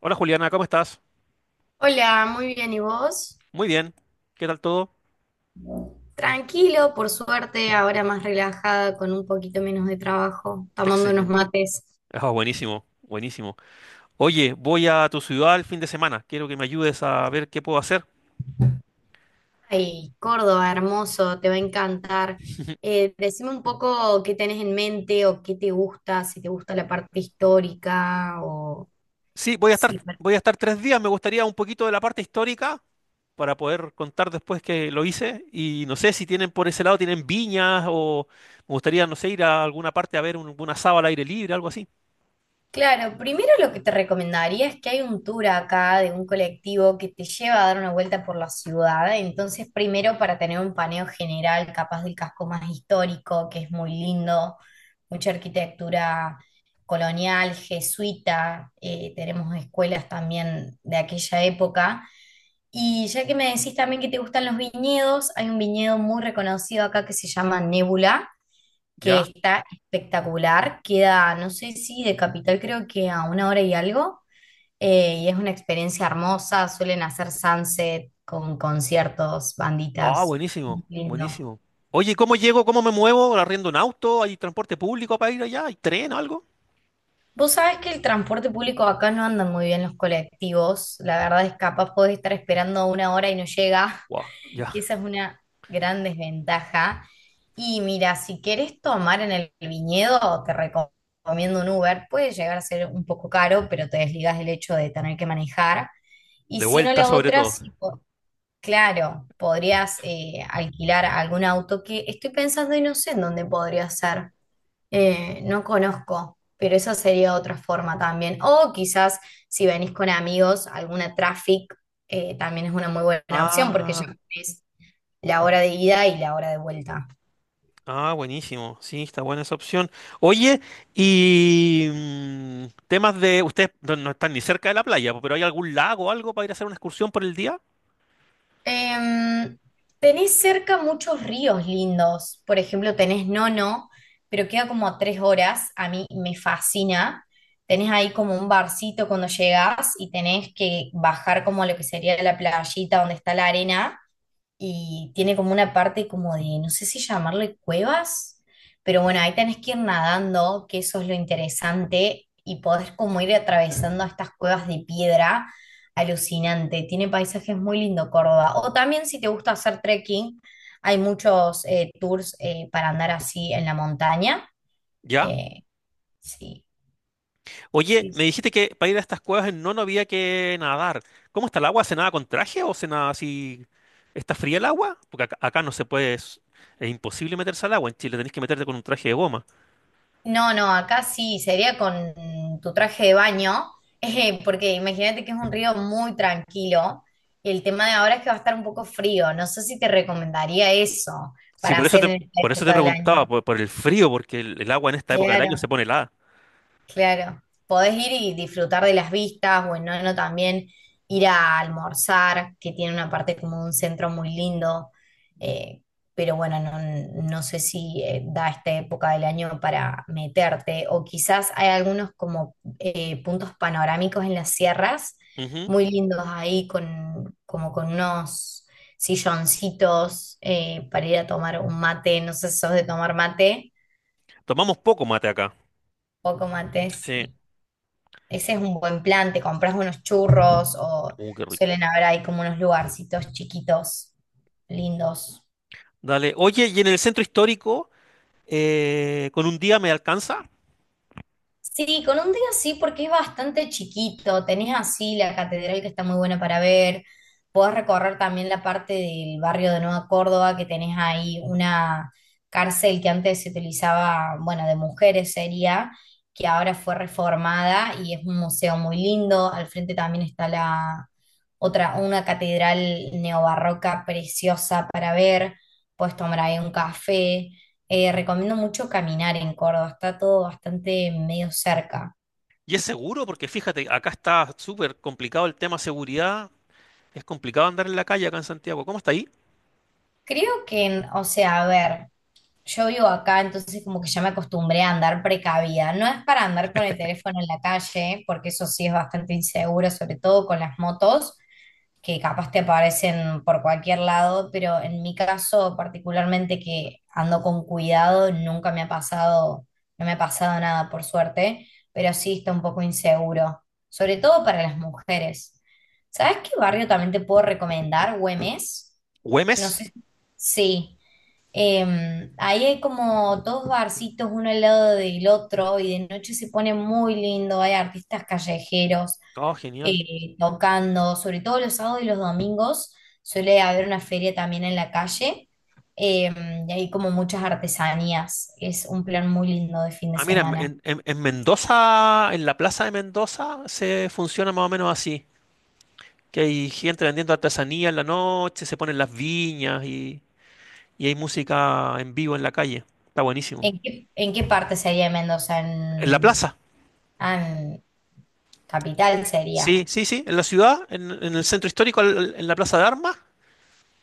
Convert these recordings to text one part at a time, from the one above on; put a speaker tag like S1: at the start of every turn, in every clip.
S1: Hola Juliana, ¿cómo estás?
S2: Hola, muy bien, ¿y vos?
S1: Muy bien. ¿Qué tal todo?
S2: Tranquilo, por suerte, ahora más relajada, con un poquito menos de trabajo, tomando unos
S1: Excelente.
S2: mates.
S1: Ah, buenísimo, buenísimo. Oye, voy a tu ciudad el fin de semana. Quiero que me ayudes a ver qué puedo hacer.
S2: Ay, Córdoba, hermoso, te va a encantar. Decime un poco qué tenés en mente o qué te gusta, si te gusta la parte histórica o
S1: Sí, voy a estar,
S2: sí.
S1: voy a estar 3 días. Me gustaría un poquito de la parte histórica para poder contar después que lo hice. Y no sé si tienen por ese lado, tienen viñas o me gustaría, no sé, ir a alguna parte a ver un asado al aire libre, algo así.
S2: Claro, primero lo que te recomendaría es que hay un tour acá de un colectivo que te lleva a dar una vuelta por la ciudad. Entonces, primero para tener un paneo general, capaz del casco más histórico, que es muy lindo, mucha arquitectura colonial, jesuita, tenemos escuelas también de aquella época. Y ya que me decís también que te gustan los viñedos, hay un viñedo muy reconocido acá que se llama Nébula, que
S1: ¿Ya?
S2: está espectacular. Queda, no sé, si de Capital, creo que a una hora y algo. Y es una experiencia hermosa. Suelen hacer sunset con conciertos,
S1: Ah,
S2: banditas.
S1: buenísimo,
S2: Lindo.
S1: buenísimo. Oye, ¿cómo llego? ¿Cómo me muevo? ¿Arriendo un auto? ¿Hay transporte público para ir allá? ¿Hay tren o algo?
S2: Vos sabés que el transporte público acá no andan muy bien los colectivos. La verdad es capaz podés estar esperando una hora y no llega.
S1: Wow, ya.
S2: Esa es una gran desventaja. Y mira, si querés tomar en el viñedo, recomiendo un Uber. Puede llegar a ser un poco caro, pero te desligas del hecho de tener que manejar. Y
S1: De
S2: si no
S1: vuelta
S2: la
S1: sobre
S2: otra,
S1: todo.
S2: sí, claro, podrías alquilar algún auto, que estoy pensando y no sé en dónde podría ser. No conozco, pero eso sería otra forma también. O quizás si venís con amigos, alguna traffic también es una muy buena opción, porque ya
S1: Ah,
S2: es la hora de ida y la hora de vuelta.
S1: ah, buenísimo. Sí, está buena esa opción. Oye, y temas de. Ustedes no están ni cerca de la playa, pero ¿hay algún lago o algo para ir a hacer una excursión por el día?
S2: Em, Tenés cerca muchos ríos lindos. Por ejemplo, tenés Nono, pero queda como a tres horas. A mí me fascina. Tenés ahí como un barcito cuando llegás y tenés que bajar como a lo que sería la playita donde está la arena, y tiene como una parte como de, no sé si llamarle cuevas, pero bueno, ahí tenés que ir nadando, que eso es lo interesante, y podés como ir atravesando estas cuevas de piedra. Alucinante, tiene paisajes muy lindo Córdoba. O también si te gusta hacer trekking, hay muchos tours para andar así en la montaña.
S1: Ya.
S2: eh, sí,
S1: Oye,
S2: sí,
S1: me
S2: sí.
S1: dijiste que para ir a estas cuevas en Nono había que nadar. ¿Cómo está el agua? ¿Se nada con traje o se nada así? ¿Está fría el agua? Porque acá no se puede. Es imposible meterse al agua. En Chile tenés que meterte con un traje de goma.
S2: No, no, acá sí, sería con tu traje de baño, porque imagínate que es un río muy tranquilo, y el tema de ahora es que va a estar un poco frío. No sé si te recomendaría eso
S1: Sí,
S2: para
S1: por eso
S2: hacer
S1: te,
S2: en esta
S1: por eso te
S2: época del año.
S1: preguntaba, por el frío, porque el agua en esta época del año
S2: Claro.
S1: se pone helada.
S2: Claro, podés ir y disfrutar de las vistas, bueno, no también ir a almorzar, que tiene una parte como un centro muy lindo, eh, pero bueno, no, no sé si da esta época del año para meterte. O quizás hay algunos como puntos panorámicos en las sierras,
S1: Ujú.
S2: muy lindos ahí, con, como con unos silloncitos para ir a tomar un mate. No sé si sos de tomar mate,
S1: Tomamos poco mate acá.
S2: poco mate,
S1: Sí.
S2: sí. Ese es un buen plan, te compras unos churros, o
S1: Qué rico.
S2: suelen haber ahí como unos lugarcitos chiquitos, lindos.
S1: Dale. Oye, ¿y en el centro histórico, con un día me alcanza?
S2: Sí, con un día sí, porque es bastante chiquito. Tenés así la catedral, que está muy buena para ver. Podés recorrer también la parte del barrio de Nueva Córdoba, que tenés ahí una cárcel que antes se utilizaba, bueno, de mujeres sería, que ahora fue reformada y es un museo muy lindo. Al frente también está la otra, una catedral neobarroca preciosa para ver. Podés tomar ahí un café. Recomiendo mucho caminar en Córdoba, está todo bastante medio cerca.
S1: Y es seguro, porque fíjate, acá está súper complicado el tema seguridad. Es complicado andar en la calle acá en Santiago. ¿Cómo está ahí?
S2: Creo que, o sea, a ver, yo vivo acá, entonces como que ya me acostumbré a andar precavida. No es para andar con el teléfono en la calle, porque eso sí es bastante inseguro, sobre todo con las motos, que capaz te aparecen por cualquier lado, pero en mi caso particularmente que ando con cuidado, nunca me ha pasado, no me ha pasado nada por suerte, pero sí está un poco inseguro, sobre todo para las mujeres. ¿Sabes qué barrio también te puedo recomendar? Güemes. No
S1: ¿Güemes?
S2: sé. Sí. Ahí hay como dos barcitos uno al lado del otro, y de noche se pone muy lindo, hay artistas callejeros
S1: Oh, genial.
S2: tocando, sobre todo los sábados y los domingos suele haber una feria también en la calle, y hay como muchas artesanías, es un plan muy lindo de fin de
S1: Ah, mira,
S2: semana.
S1: en Mendoza, en la plaza de Mendoza, se funciona más o menos así. Que hay gente vendiendo artesanía en la noche, se ponen las viñas y hay música en vivo en la calle. Está buenísimo.
S2: En qué parte sería de Mendoza?
S1: En la
S2: En,
S1: plaza.
S2: ah, en Capital sería.
S1: Sí, sí, sí, en la ciudad, en el centro histórico, en la Plaza de Armas.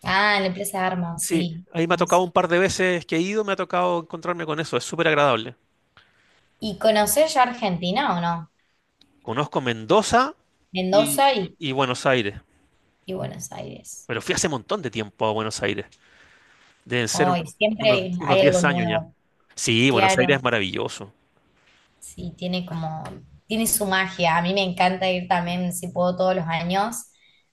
S2: Ah, en la Plaza de Armas,
S1: Sí,
S2: sí.
S1: ahí me ha tocado un par de veces que he ido, me ha tocado encontrarme con eso, es súper agradable.
S2: ¿Y conocés ya Argentina o no?
S1: Conozco Mendoza y,
S2: Mendoza
S1: y Buenos Aires,
S2: y Buenos Aires.
S1: pero fui hace un montón de tiempo a Buenos Aires, deben ser
S2: Hoy
S1: unos, unos,
S2: siempre
S1: unos
S2: hay algo
S1: 10 años ya.
S2: nuevo.
S1: Sí, Buenos Aires es
S2: Claro,
S1: maravilloso.
S2: sí, tiene como, tiene su magia. A mí me encanta ir también, si puedo, todos los años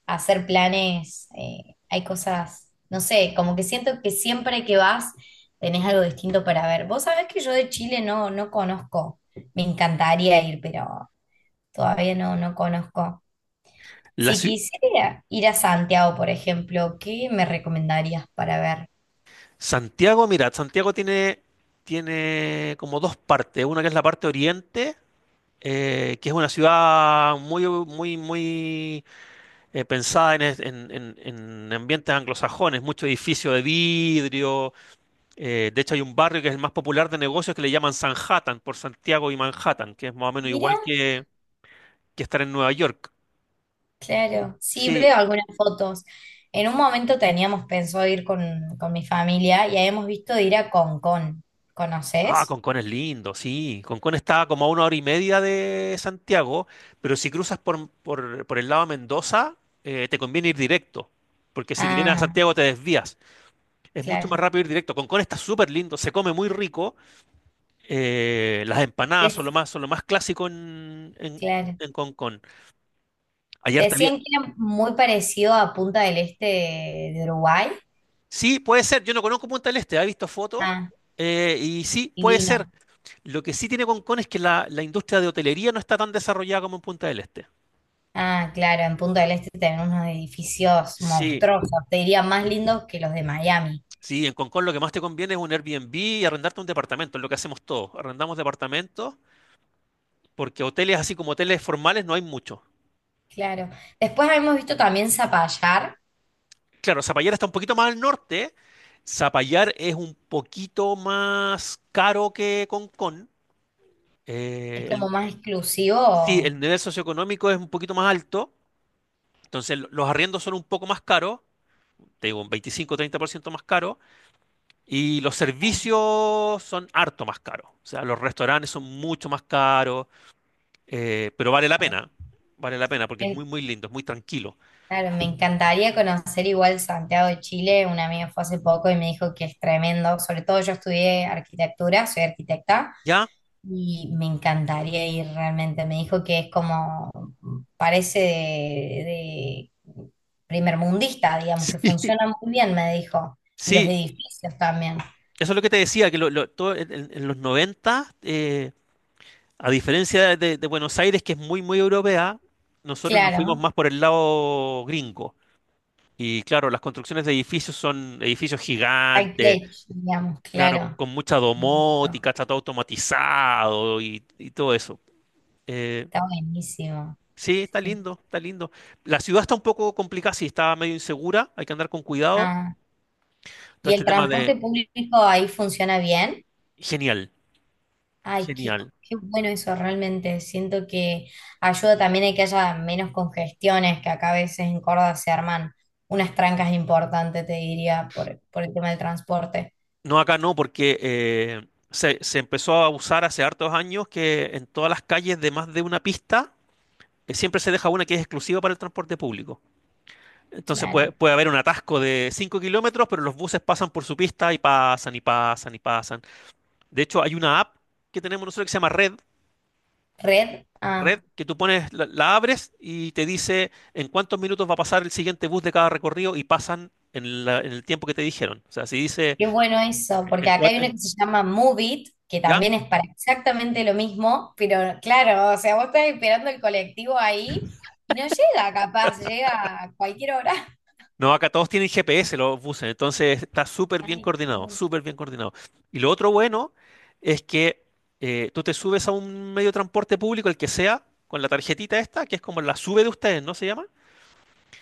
S2: a hacer planes. Hay cosas, no sé, como que siento que siempre que vas tenés algo distinto para ver. Vos sabés que yo de Chile no, no conozco. Me encantaría ir, pero todavía no, no conozco.
S1: La,
S2: Si
S1: ciu-
S2: quisiera ir a Santiago, por ejemplo, ¿qué me recomendarías para ver?
S1: Santiago, mira, Santiago tiene como dos partes. Una que es la parte oriente, que es una ciudad muy, muy, muy pensada en, es- en ambientes anglosajones, mucho edificio de vidrio. De hecho, hay un barrio que es el más popular de negocios que le llaman Sanhattan, por Santiago y Manhattan, que es más o menos
S2: Mira,
S1: igual que estar en Nueva York.
S2: claro, sí
S1: Sí,
S2: veo algunas fotos. En un momento teníamos pensado ir con mi familia, y habíamos visto de ir a Concón.
S1: ah,
S2: ¿Conoces?
S1: Concón es lindo, sí. Concón está como a una hora y media de Santiago, pero si cruzas por, por el lado de Mendoza, te conviene ir directo, porque si te vienes a
S2: Ah,
S1: Santiago te desvías. Es mucho más
S2: claro.
S1: rápido ir directo. Concón está súper lindo, se come muy rico. Las empanadas son lo
S2: Dec-
S1: más, son lo más clásico en, en,
S2: claro.
S1: en Concón. Ayer también.
S2: Decían que era muy parecido a Punta del Este de Uruguay.
S1: Sí, puede ser. Yo no conozco Punta del Este, he visto fotos.
S2: Ah,
S1: Y sí, puede ser.
S2: divino.
S1: Lo que sí tiene Concón es que la industria de hotelería no está tan desarrollada como en Punta del Este.
S2: Ah, claro, en Punta del Este tenemos unos edificios
S1: Sí,
S2: monstruosos, te diría más lindos que los de Miami.
S1: sí, en Concón lo que más te conviene es un Airbnb y arrendarte un departamento, es lo que hacemos todos. Arrendamos departamentos porque hoteles así como hoteles formales no hay mucho.
S2: Claro. Después hemos visto también Zapallar,
S1: Claro, Zapallar está un poquito más al norte. Zapallar es un poquito más caro que Concón.
S2: es
S1: Eh,
S2: como
S1: el-
S2: más
S1: sí,
S2: exclusivo.
S1: el nivel socioeconómico es un poquito más alto. Entonces los arriendos son un poco más caros, te digo, un 25-30% más caro. Y los servicios son harto más caros. O sea, los restaurantes son mucho más caros. Pero vale la
S2: Claro,
S1: pena, vale la pena porque es muy,
S2: En-
S1: muy lindo, es muy tranquilo.
S2: claro, me encantaría conocer igual Santiago de Chile. Una amiga fue hace poco y me dijo que es tremendo. Sobre todo yo estudié arquitectura, soy arquitecta,
S1: ¿Ya?
S2: y me encantaría ir realmente. Me dijo que es como, parece de primer mundista, digamos,
S1: Sí.
S2: que funciona muy bien, me dijo. Y los
S1: Sí,
S2: edificios también.
S1: eso es lo que te decía, que todo en los 90 a diferencia de Buenos Aires, que es muy, muy europea, nosotros nos fuimos
S2: Claro,
S1: más por el lado gringo. Y claro, las construcciones de edificios son edificios
S2: high
S1: gigantes,
S2: tech, digamos,
S1: claro,
S2: claro.
S1: con mucha
S2: Listo.
S1: domótica, está todo automatizado y todo eso. Eh,
S2: Está buenísimo.
S1: Sí, está
S2: Sí.
S1: lindo, está lindo. La ciudad está un poco complicada, sí, está medio insegura, hay que andar con cuidado.
S2: Ah,
S1: Todo
S2: ¿y
S1: este
S2: el
S1: tema
S2: transporte
S1: de.
S2: público ahí funciona bien?
S1: Genial,
S2: Ay, qué,
S1: genial.
S2: qué bueno eso realmente. Siento que ayuda también a que haya menos congestiones, que acá a veces en Córdoba se arman unas trancas importantes, te diría, por el tema del transporte.
S1: No, acá no, porque se empezó a usar hace hartos años que en todas las calles de más de una pista siempre se deja una que es exclusiva para el transporte público. Entonces
S2: Claro.
S1: puede haber un atasco de 5 kilómetros, pero los buses pasan por su pista y pasan y pasan y pasan. De hecho, hay una app que tenemos nosotros que se llama Red,
S2: ¿Red? Ah,
S1: red que tú pones, la abres y te dice en cuántos minutos va a pasar el siguiente bus de cada recorrido y pasan en el tiempo que te dijeron. O sea, si dice
S2: qué bueno eso, porque
S1: en
S2: acá
S1: cua-
S2: hay una que
S1: en-
S2: se llama Move It, que
S1: ¿ya?
S2: también es para exactamente lo mismo, pero claro, o sea, vos estás esperando el colectivo ahí y no llega, capaz, llega a cualquier hora.
S1: No, acá todos tienen GPS los buses, entonces está súper bien
S2: Ay, qué
S1: coordinado,
S2: bueno.
S1: súper bien coordinado. Y lo otro bueno es que tú te subes a un medio de transporte público, el que sea, con la tarjetita esta, que es como la sube de ustedes, ¿no se llama?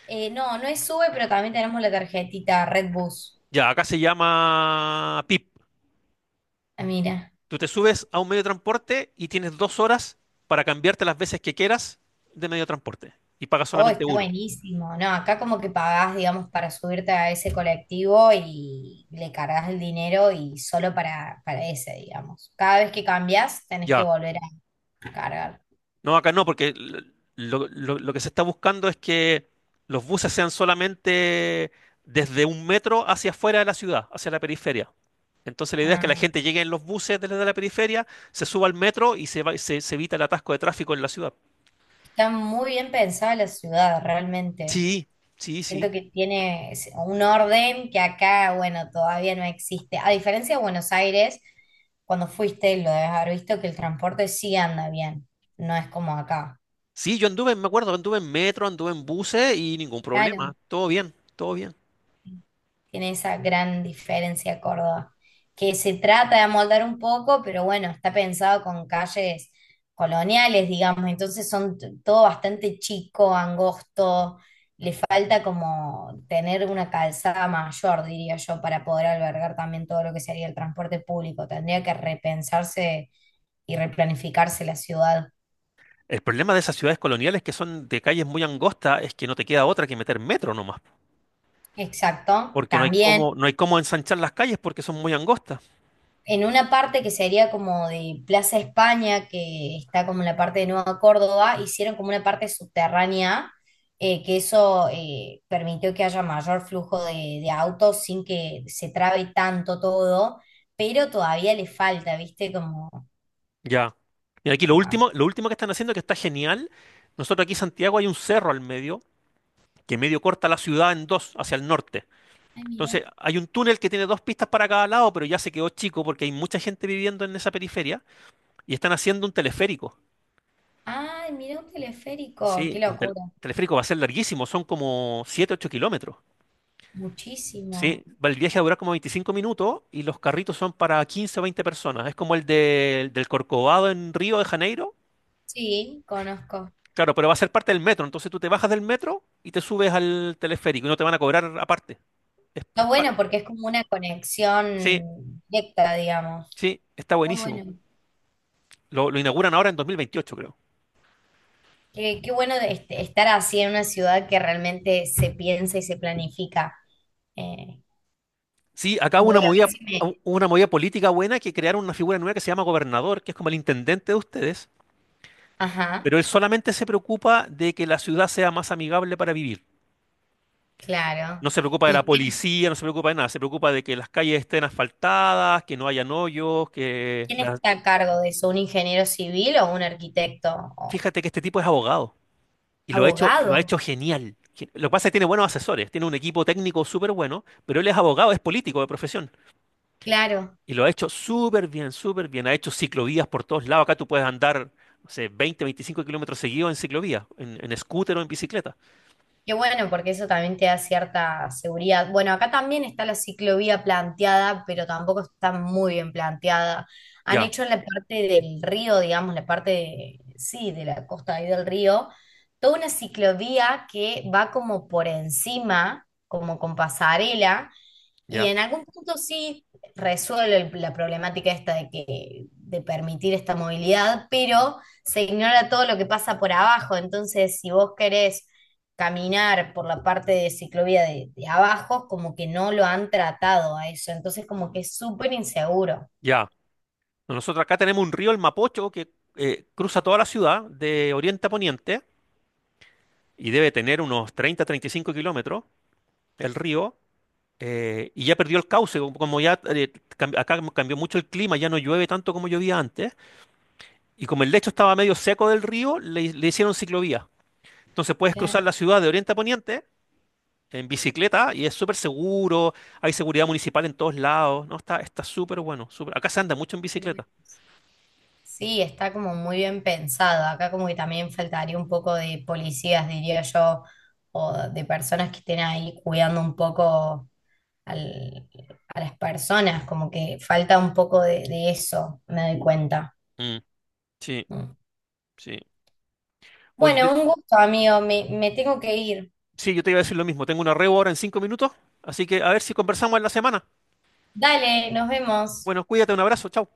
S2: No, no es Sube, pero también tenemos la tarjetita Redbus.
S1: Ya, acá se llama PIP.
S2: Ah, mira.
S1: Tú te subes a un medio de transporte y tienes 2 horas para cambiarte las veces que quieras de medio de transporte. Y pagas
S2: Oh,
S1: solamente
S2: está
S1: uno.
S2: buenísimo. No, acá como que pagás, digamos, para subirte a ese colectivo y le cargas el dinero y solo para ese, digamos. Cada vez que cambias, tenés que
S1: Ya.
S2: volver a cargar.
S1: No, acá no, porque lo que se está buscando es que los buses sean solamente desde un metro hacia afuera de la ciudad, hacia la periferia. Entonces la idea es que la
S2: Ah.
S1: gente llegue en los buses desde la periferia, se suba al metro y se evita el atasco de tráfico en la ciudad.
S2: Está muy bien pensada la ciudad, realmente.
S1: Sí, sí, sí.
S2: Siento que tiene un orden que acá, bueno, todavía no existe. A diferencia de Buenos Aires, cuando fuiste, lo debes haber visto que el transporte sí anda bien, no es como acá.
S1: Sí, yo anduve, me acuerdo, anduve en metro, anduve en buses y ningún problema.
S2: Claro.
S1: Todo bien, todo bien.
S2: Tiene esa gran diferencia Córdoba, que se trata de amoldar un poco, pero bueno, está pensado con calles coloniales, digamos, entonces son todo bastante chico, angosto, le falta como tener una calzada mayor, diría yo, para poder albergar también todo lo que sería el transporte público. Tendría que repensarse y replanificarse la ciudad.
S1: El problema de esas ciudades coloniales que son de calles muy angostas es que no te queda otra que meter metro nomás,
S2: Exacto,
S1: porque no hay
S2: también.
S1: cómo, no hay cómo ensanchar las calles porque son muy angostas.
S2: En una parte que sería como de Plaza España, que está como en la parte de Nueva Córdoba, hicieron como una parte subterránea, que eso permitió que haya mayor flujo de autos sin que se trabe tanto todo, pero todavía le falta, ¿viste? Como...
S1: Ya. Y aquí
S2: más.
S1: lo último que están haciendo que está genial. Nosotros aquí en Santiago hay un cerro al medio que medio corta la ciudad en dos hacia el norte.
S2: Ay, mira.
S1: Entonces hay un túnel que tiene dos pistas para cada lado, pero ya se quedó chico porque hay mucha gente viviendo en esa periferia y están haciendo un teleférico.
S2: Ay, mira un teleférico, qué
S1: Sí, un tel-
S2: locura.
S1: teleférico va a ser larguísimo, son como 7, 8 kilómetros.
S2: Muchísimo.
S1: Sí, el viaje dura como 25 minutos y los carritos son para 15 o 20 personas. Es como el del Corcovado en Río de Janeiro.
S2: Sí, conozco.
S1: Claro, pero va a ser parte del metro. Entonces tú te bajas del metro y te subes al teleférico y no te van a cobrar aparte. Es- es
S2: Está
S1: par-
S2: bueno porque es como una
S1: Sí,
S2: conexión directa, digamos.
S1: sí, está
S2: Muy
S1: buenísimo.
S2: bueno.
S1: Lo inauguran ahora en 2028, creo.
S2: Qué, qué bueno de estar así en una ciudad que realmente se piensa y se planifica. Eh,
S1: Sí, acá hubo
S2: Voy
S1: una
S2: a
S1: movida,
S2: ver si me...
S1: hu- una movida política buena que crearon una figura nueva que se llama gobernador, que es como el intendente de ustedes,
S2: Ajá,
S1: pero él solamente se preocupa de que la ciudad sea más amigable para vivir.
S2: claro.
S1: No se preocupa de la
S2: ¿Y quién,
S1: policía, no se preocupa de nada, se preocupa de que las calles estén asfaltadas, que no hayan hoyos, que
S2: quién
S1: la-
S2: está a cargo de eso? ¿Un ingeniero civil o un arquitecto o
S1: Fíjate que este tipo es abogado y lo ha hecho, lo ha
S2: abogado?
S1: hecho genial. Lo que pasa es que tiene buenos asesores, tiene un equipo técnico súper bueno, pero él es abogado, es político de profesión
S2: Claro.
S1: y lo ha hecho súper bien, súper bien. Ha hecho ciclovías por todos lados. Acá tú puedes andar, no sé, 20, 25 kilómetros seguidos en ciclovía, en scooter o en bicicleta.
S2: Qué bueno, porque eso también te da cierta seguridad. Bueno, acá también está la ciclovía planteada, pero tampoco está muy bien planteada. Han
S1: Ya,
S2: hecho en la parte del río, digamos, la parte, sí, de la costa ahí del río, toda una ciclovía que va como por encima, como con pasarela, y
S1: ya,
S2: en algún punto sí resuelve la problemática esta de que, de permitir esta movilidad, pero se ignora todo lo que pasa por abajo. Entonces, si vos querés caminar por la parte de ciclovía de abajo, como que no lo han tratado a eso. Entonces, como que es súper inseguro.
S1: ya. Nosotros acá tenemos un río, el Mapocho, que cruza toda la ciudad de oriente a poniente. Y debe tener unos 30, 35 kilómetros el río, y ya perdió el cauce, como ya acá como cambió mucho el clima, ya no llueve tanto como llovía antes, y como el lecho estaba medio seco del río, le hicieron ciclovía. Entonces puedes cruzar la ciudad de oriente a poniente en bicicleta y es súper seguro, hay seguridad municipal en todos lados, ¿no? Está súper bueno. Acá se anda mucho en bicicleta.
S2: Sí, está como muy bien pensado. Acá como que también faltaría un poco de policías, diría yo, o de personas que estén ahí cuidando un poco al- a las personas, como que falta un poco de eso, me doy cuenta.
S1: Mm, sí,
S2: Mm.
S1: sí. Oye,
S2: Bueno, un gusto, amigo, me tengo que ir.
S1: sí, yo te iba a decir lo mismo, tengo una reo ahora en 5 minutos, así que a ver si conversamos en la semana.
S2: Dale, nos vemos.
S1: Bueno, cuídate, un abrazo, chao.